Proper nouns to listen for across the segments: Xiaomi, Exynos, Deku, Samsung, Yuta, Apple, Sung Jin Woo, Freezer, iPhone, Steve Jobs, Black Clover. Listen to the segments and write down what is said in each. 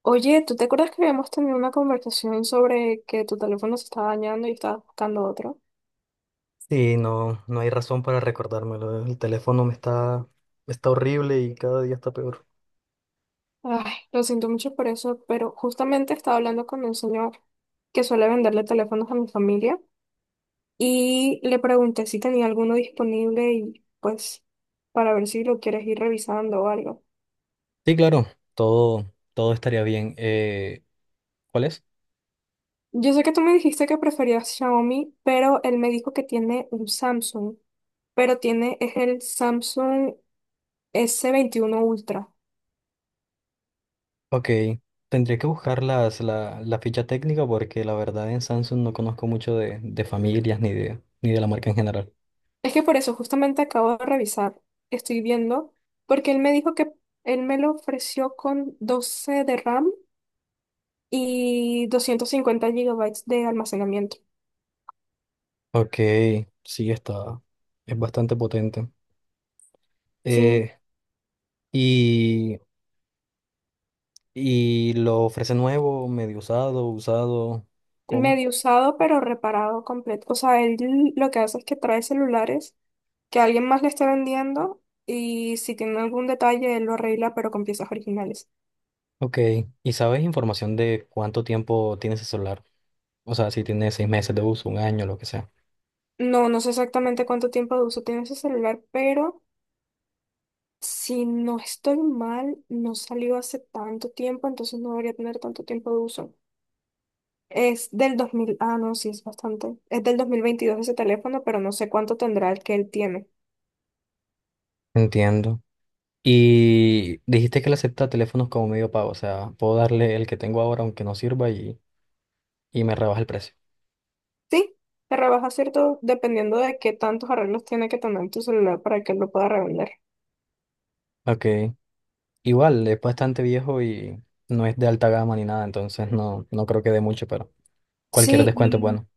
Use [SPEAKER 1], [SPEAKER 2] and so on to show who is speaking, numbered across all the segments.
[SPEAKER 1] Oye, ¿tú te acuerdas que habíamos tenido una conversación sobre que tu teléfono se estaba dañando y estabas buscando otro?
[SPEAKER 2] Sí, no, no hay razón para recordármelo. El teléfono me está horrible y cada día está peor.
[SPEAKER 1] Ay, lo siento mucho por eso, pero justamente estaba hablando con un señor que suele venderle teléfonos a mi familia y le pregunté si tenía alguno disponible y pues para ver si lo quieres ir revisando o algo.
[SPEAKER 2] Sí, claro, todo estaría bien. ¿Cuál es?
[SPEAKER 1] Yo sé que tú me dijiste que preferías Xiaomi, pero él me dijo que tiene un Samsung, pero tiene es el Samsung S21 Ultra.
[SPEAKER 2] Ok, tendría que buscar la ficha técnica porque la verdad en Samsung no conozco mucho de familias ni de la marca en general.
[SPEAKER 1] Es que por eso justamente acabo de revisar, estoy viendo, porque él me dijo que él me lo ofreció con 12 de RAM y 250 gigabytes de almacenamiento.
[SPEAKER 2] Ok, sí, es bastante potente.
[SPEAKER 1] Sí,
[SPEAKER 2] Eh, y, y lo ofrece nuevo, medio usado, usado, ¿cómo?
[SPEAKER 1] medio usado pero reparado completo. O sea, él lo que hace es que trae celulares que alguien más le está vendiendo y si tiene algún detalle él lo arregla pero con piezas originales.
[SPEAKER 2] Ok, ¿y sabes información de cuánto tiempo tiene ese celular? O sea, si tiene 6 meses de uso, un año, lo que sea.
[SPEAKER 1] No, no sé exactamente cuánto tiempo de uso tiene ese celular, pero si no estoy mal, no salió hace tanto tiempo, entonces no debería tener tanto tiempo de uso. Es del 2000, ah, no, sí, es bastante. Es del 2022 ese teléfono, pero no sé cuánto tendrá el que él tiene.
[SPEAKER 2] Entiendo. Y dijiste que le acepta teléfonos como medio pago, o sea, puedo darle el que tengo ahora aunque no sirva y me rebaja el precio.
[SPEAKER 1] Sí, se rebaja, ¿cierto? Dependiendo de qué tantos arreglos tiene que tener tu celular para que él lo pueda revender.
[SPEAKER 2] Ok, igual, es bastante viejo y no es de alta gama ni nada, entonces no creo que dé mucho, pero cualquier
[SPEAKER 1] Sí,
[SPEAKER 2] descuento es
[SPEAKER 1] y,
[SPEAKER 2] bueno.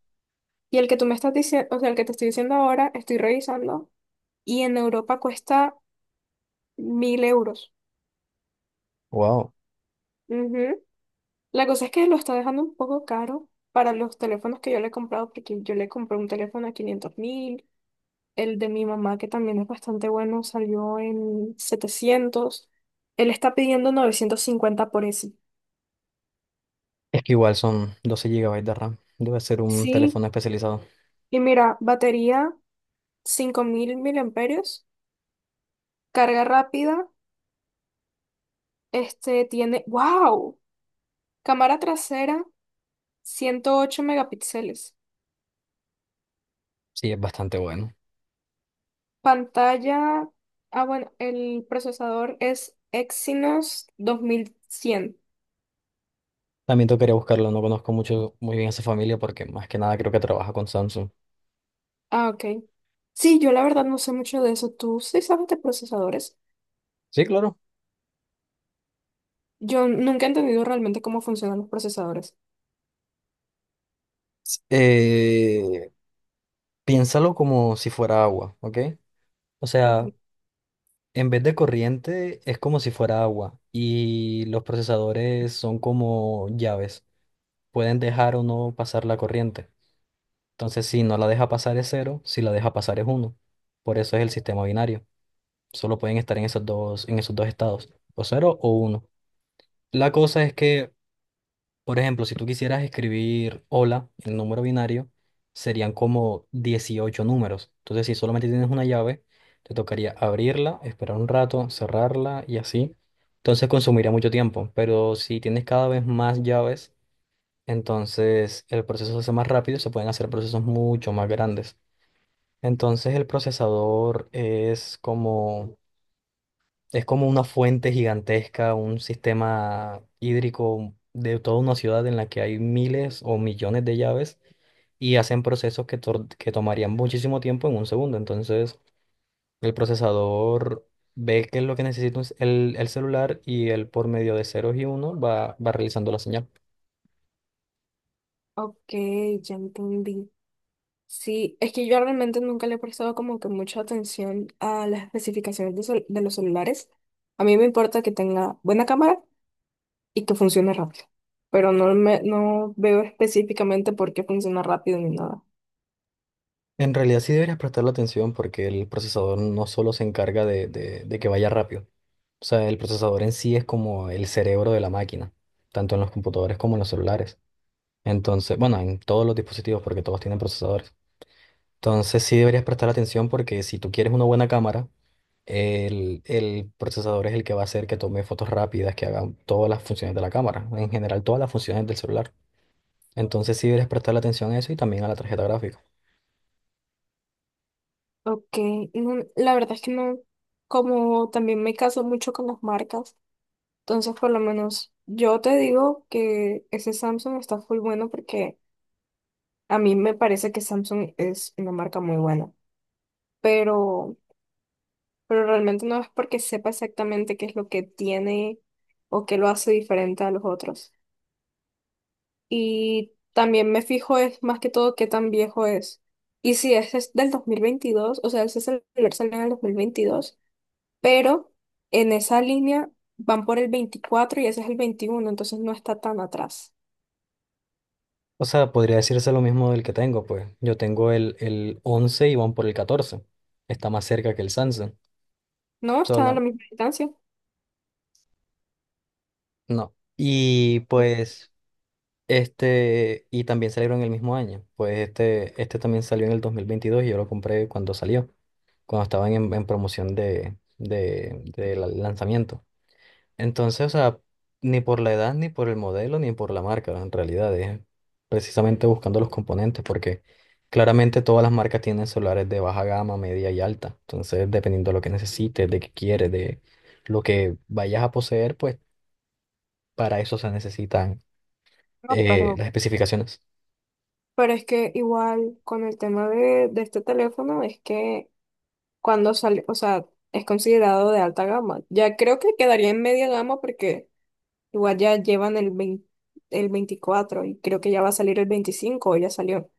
[SPEAKER 1] y el que tú me estás diciendo, o sea, el que te estoy diciendo ahora, estoy revisando, y en Europa cuesta 1.000 euros.
[SPEAKER 2] Wow,
[SPEAKER 1] Ujú. La cosa es que lo está dejando un poco caro para los teléfonos que yo le he comprado, porque yo le compré un teléfono a 500.000, el de mi mamá, que también es bastante bueno, salió en 700. Él está pidiendo 950 por ese.
[SPEAKER 2] es que igual son 12 GB de RAM, debe ser un
[SPEAKER 1] Sí,
[SPEAKER 2] teléfono especializado.
[SPEAKER 1] y mira, batería 5.000 miliamperios, carga rápida, este tiene, wow, cámara trasera 108 megapíxeles.
[SPEAKER 2] Sí, es bastante bueno.
[SPEAKER 1] Pantalla, ah, bueno, el procesador es Exynos 2100.
[SPEAKER 2] También tocaría buscarlo, no conozco muy bien a esa familia porque más que nada creo que trabaja con Samsung.
[SPEAKER 1] Ah, ok. Sí, yo la verdad no sé mucho de eso. ¿Tú sí sabes de procesadores?
[SPEAKER 2] Sí, claro.
[SPEAKER 1] Yo nunca he entendido realmente cómo funcionan los procesadores.
[SPEAKER 2] S- eh, Piénsalo como si fuera agua, ¿ok? O sea,
[SPEAKER 1] Ujú.
[SPEAKER 2] en vez de corriente es como si fuera agua y los procesadores son como llaves. Pueden dejar o no pasar la corriente. Entonces, si no la deja pasar es cero, si la deja pasar es uno. Por eso es el sistema binario. Solo pueden estar en esos dos estados, o cero o uno. La cosa es que, por ejemplo, si tú quisieras escribir hola en número binario, serían como 18 números. Entonces, si solamente tienes una llave, te tocaría abrirla, esperar un rato, cerrarla y así. Entonces, consumiría mucho tiempo. Pero si tienes cada vez más llaves, entonces el proceso se hace más rápido, se pueden hacer procesos mucho más grandes. Entonces, el procesador es como una fuente gigantesca, un sistema hídrico de toda una ciudad en la que hay miles o millones de llaves y hacen procesos que tomarían muchísimo tiempo en un segundo. Entonces, el procesador ve que es lo que necesita el celular y él por medio de ceros y uno va realizando la señal.
[SPEAKER 1] Ok, ya entendí. Sí, es que yo realmente nunca le he prestado como que mucha atención a las especificaciones de los celulares. A mí me importa que tenga buena cámara y que funcione rápido. Pero no veo específicamente por qué funciona rápido ni nada.
[SPEAKER 2] En realidad sí deberías prestarle atención porque el procesador no solo se encarga de que vaya rápido. O sea, el procesador en sí es como el cerebro de la máquina, tanto en los computadores como en los celulares. Entonces, bueno, en todos los dispositivos, porque todos tienen procesadores. Entonces sí deberías prestar atención porque si tú quieres una buena cámara, el procesador es el que va a hacer que tome fotos rápidas, que haga todas las funciones de la cámara, en general todas las funciones del celular. Entonces sí deberías prestarle atención a eso y también a la tarjeta gráfica.
[SPEAKER 1] Ok, no, la verdad es que no, como también me caso mucho con las marcas, entonces por lo menos yo te digo que ese Samsung está full bueno porque a mí me parece que Samsung es una marca muy buena, pero, pero realmente no es porque sepa exactamente qué es lo que tiene o qué lo hace diferente a los otros. Y también me fijo es más que todo qué tan viejo es. Y si ese es del 2022, o sea, ese celular salió en el 2022, pero en esa línea van por el 24 y ese es el 21, entonces no está tan atrás.
[SPEAKER 2] O sea, podría decirse lo mismo del que tengo, pues yo tengo el 11 y van por el 14. Está más cerca que el Samsung.
[SPEAKER 1] No, están a la
[SPEAKER 2] Sola,
[SPEAKER 1] misma distancia.
[SPEAKER 2] no. Y pues y también salieron el mismo año. Pues este también salió en el 2022 y yo lo compré cuando salió, cuando estaban en promoción del lanzamiento. Entonces, o sea, ni por la edad, ni por el modelo, ni por la marca, en realidad es precisamente buscando los componentes, porque claramente todas las marcas tienen celulares de baja gama, media y alta. Entonces, dependiendo de lo que necesites, de qué quieres, de lo que vayas a poseer, pues para eso se necesitan
[SPEAKER 1] No, pero,
[SPEAKER 2] las especificaciones.
[SPEAKER 1] pero es que igual con el tema de este teléfono es que cuando sale, o sea, es considerado de alta gama. Ya creo que quedaría en media gama porque igual ya llevan el 20, el 24 y creo que ya va a salir el 25 o ya salió.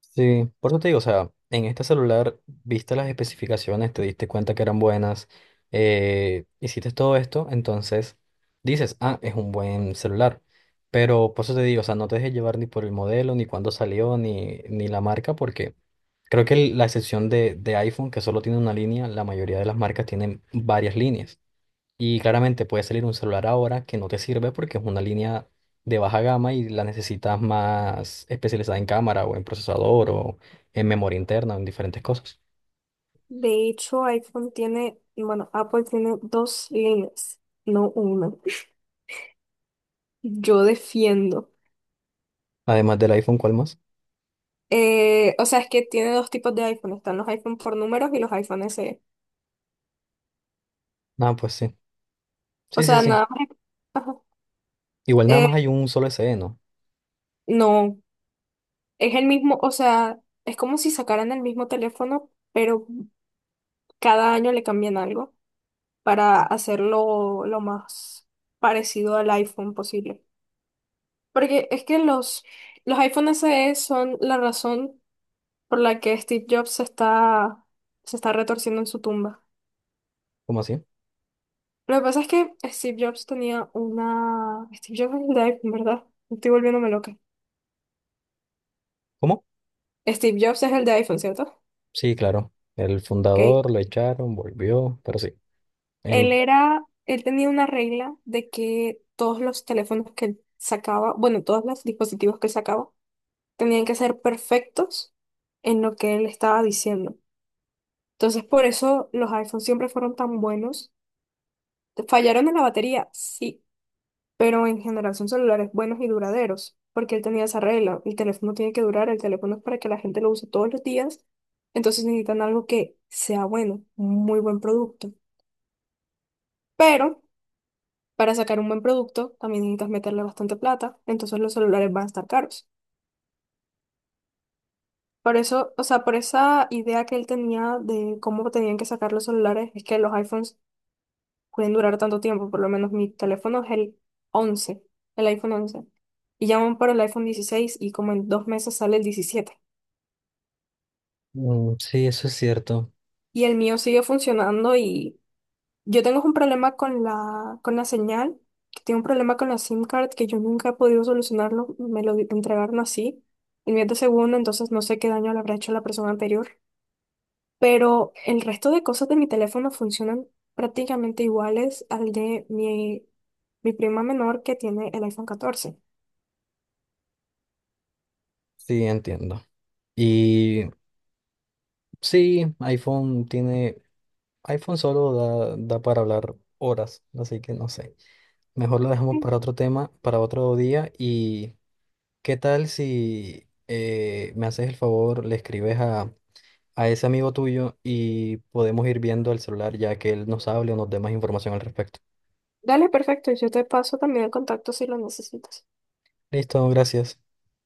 [SPEAKER 2] Sí, por eso te digo, o sea, en este celular viste las especificaciones, te diste cuenta que eran buenas, hiciste todo esto, entonces dices, ah, es un buen celular. Pero por eso te digo, o sea, no te dejes llevar ni por el modelo, ni cuándo salió, ni la marca, porque creo que la excepción de iPhone, que solo tiene una línea, la mayoría de las marcas tienen varias líneas. Y claramente puede salir un celular ahora que no te sirve porque es una línea de baja gama y la necesitas más especializada en cámara o en procesador o en memoria interna o en diferentes cosas.
[SPEAKER 1] De hecho, iPhone tiene, bueno, Apple tiene dos líneas, no una. Yo defiendo.
[SPEAKER 2] Además del iPhone, ¿cuál más?
[SPEAKER 1] O sea, es que tiene dos tipos de iPhone. Están los iPhone por números y los iPhone SE.
[SPEAKER 2] Ah, pues sí.
[SPEAKER 1] O
[SPEAKER 2] Sí, sí,
[SPEAKER 1] sea,
[SPEAKER 2] sí.
[SPEAKER 1] nada más. Ajá.
[SPEAKER 2] Igual nada
[SPEAKER 1] Eh,
[SPEAKER 2] más hay un solo S SE, ¿no?
[SPEAKER 1] no, es el mismo, o sea, es como si sacaran el mismo teléfono, pero cada año le cambian algo para hacerlo lo más parecido al iPhone posible. Porque es que los iPhone SE son la razón por la que Steve Jobs se está retorciendo en su tumba.
[SPEAKER 2] ¿Cómo así?
[SPEAKER 1] Lo que pasa es que Steve Jobs tenía una. Steve Jobs es el de iPhone, ¿verdad? Estoy volviéndome loca.
[SPEAKER 2] ¿Cómo?
[SPEAKER 1] Steve Jobs es el de iPhone, ¿cierto?
[SPEAKER 2] Sí, claro. El
[SPEAKER 1] Ok.
[SPEAKER 2] fundador lo echaron, volvió, pero sí.
[SPEAKER 1] Él
[SPEAKER 2] Em,
[SPEAKER 1] era. Él tenía una regla de que todos los teléfonos que él sacaba, bueno, todos los dispositivos que él sacaba, tenían que ser perfectos en lo que él estaba diciendo. Entonces, por eso los iPhones siempre fueron tan buenos. Fallaron en la batería, sí, pero en general son celulares buenos y duraderos, porque él tenía esa regla, el teléfono tiene que durar, el teléfono es para que la gente lo use todos los días, entonces necesitan algo que sea bueno, un muy buen producto. Pero para sacar un buen producto también necesitas meterle bastante plata, entonces los celulares van a estar caros. Por eso, o sea, por esa idea que él tenía de cómo tenían que sacar los celulares, es que los iPhones pueden durar tanto tiempo. Por lo menos mi teléfono es el 11, el iPhone 11. Y llaman para el iPhone 16 y como en 2 meses sale el 17.
[SPEAKER 2] mm, sí, eso es cierto.
[SPEAKER 1] Y el mío sigue funcionando y yo tengo un problema con con la señal, que tengo un problema con la SIM card que yo nunca he podido solucionarlo. Me lo entregaron así. El mío es de segundo, entonces no sé qué daño le habrá hecho a la persona anterior. Pero el resto de cosas de mi teléfono funcionan prácticamente iguales al de mi prima menor que tiene el iPhone 14.
[SPEAKER 2] Sí, entiendo. Y sí, iPhone solo da para hablar horas, así que no sé. Mejor lo dejamos para otro tema, para otro día. ¿Y qué tal si me haces el favor, le escribes a ese amigo tuyo y podemos ir viendo el celular ya que él nos hable o nos dé más información al respecto?
[SPEAKER 1] Dale, perfecto. Yo te paso también el contacto si lo necesitas.
[SPEAKER 2] Listo, gracias.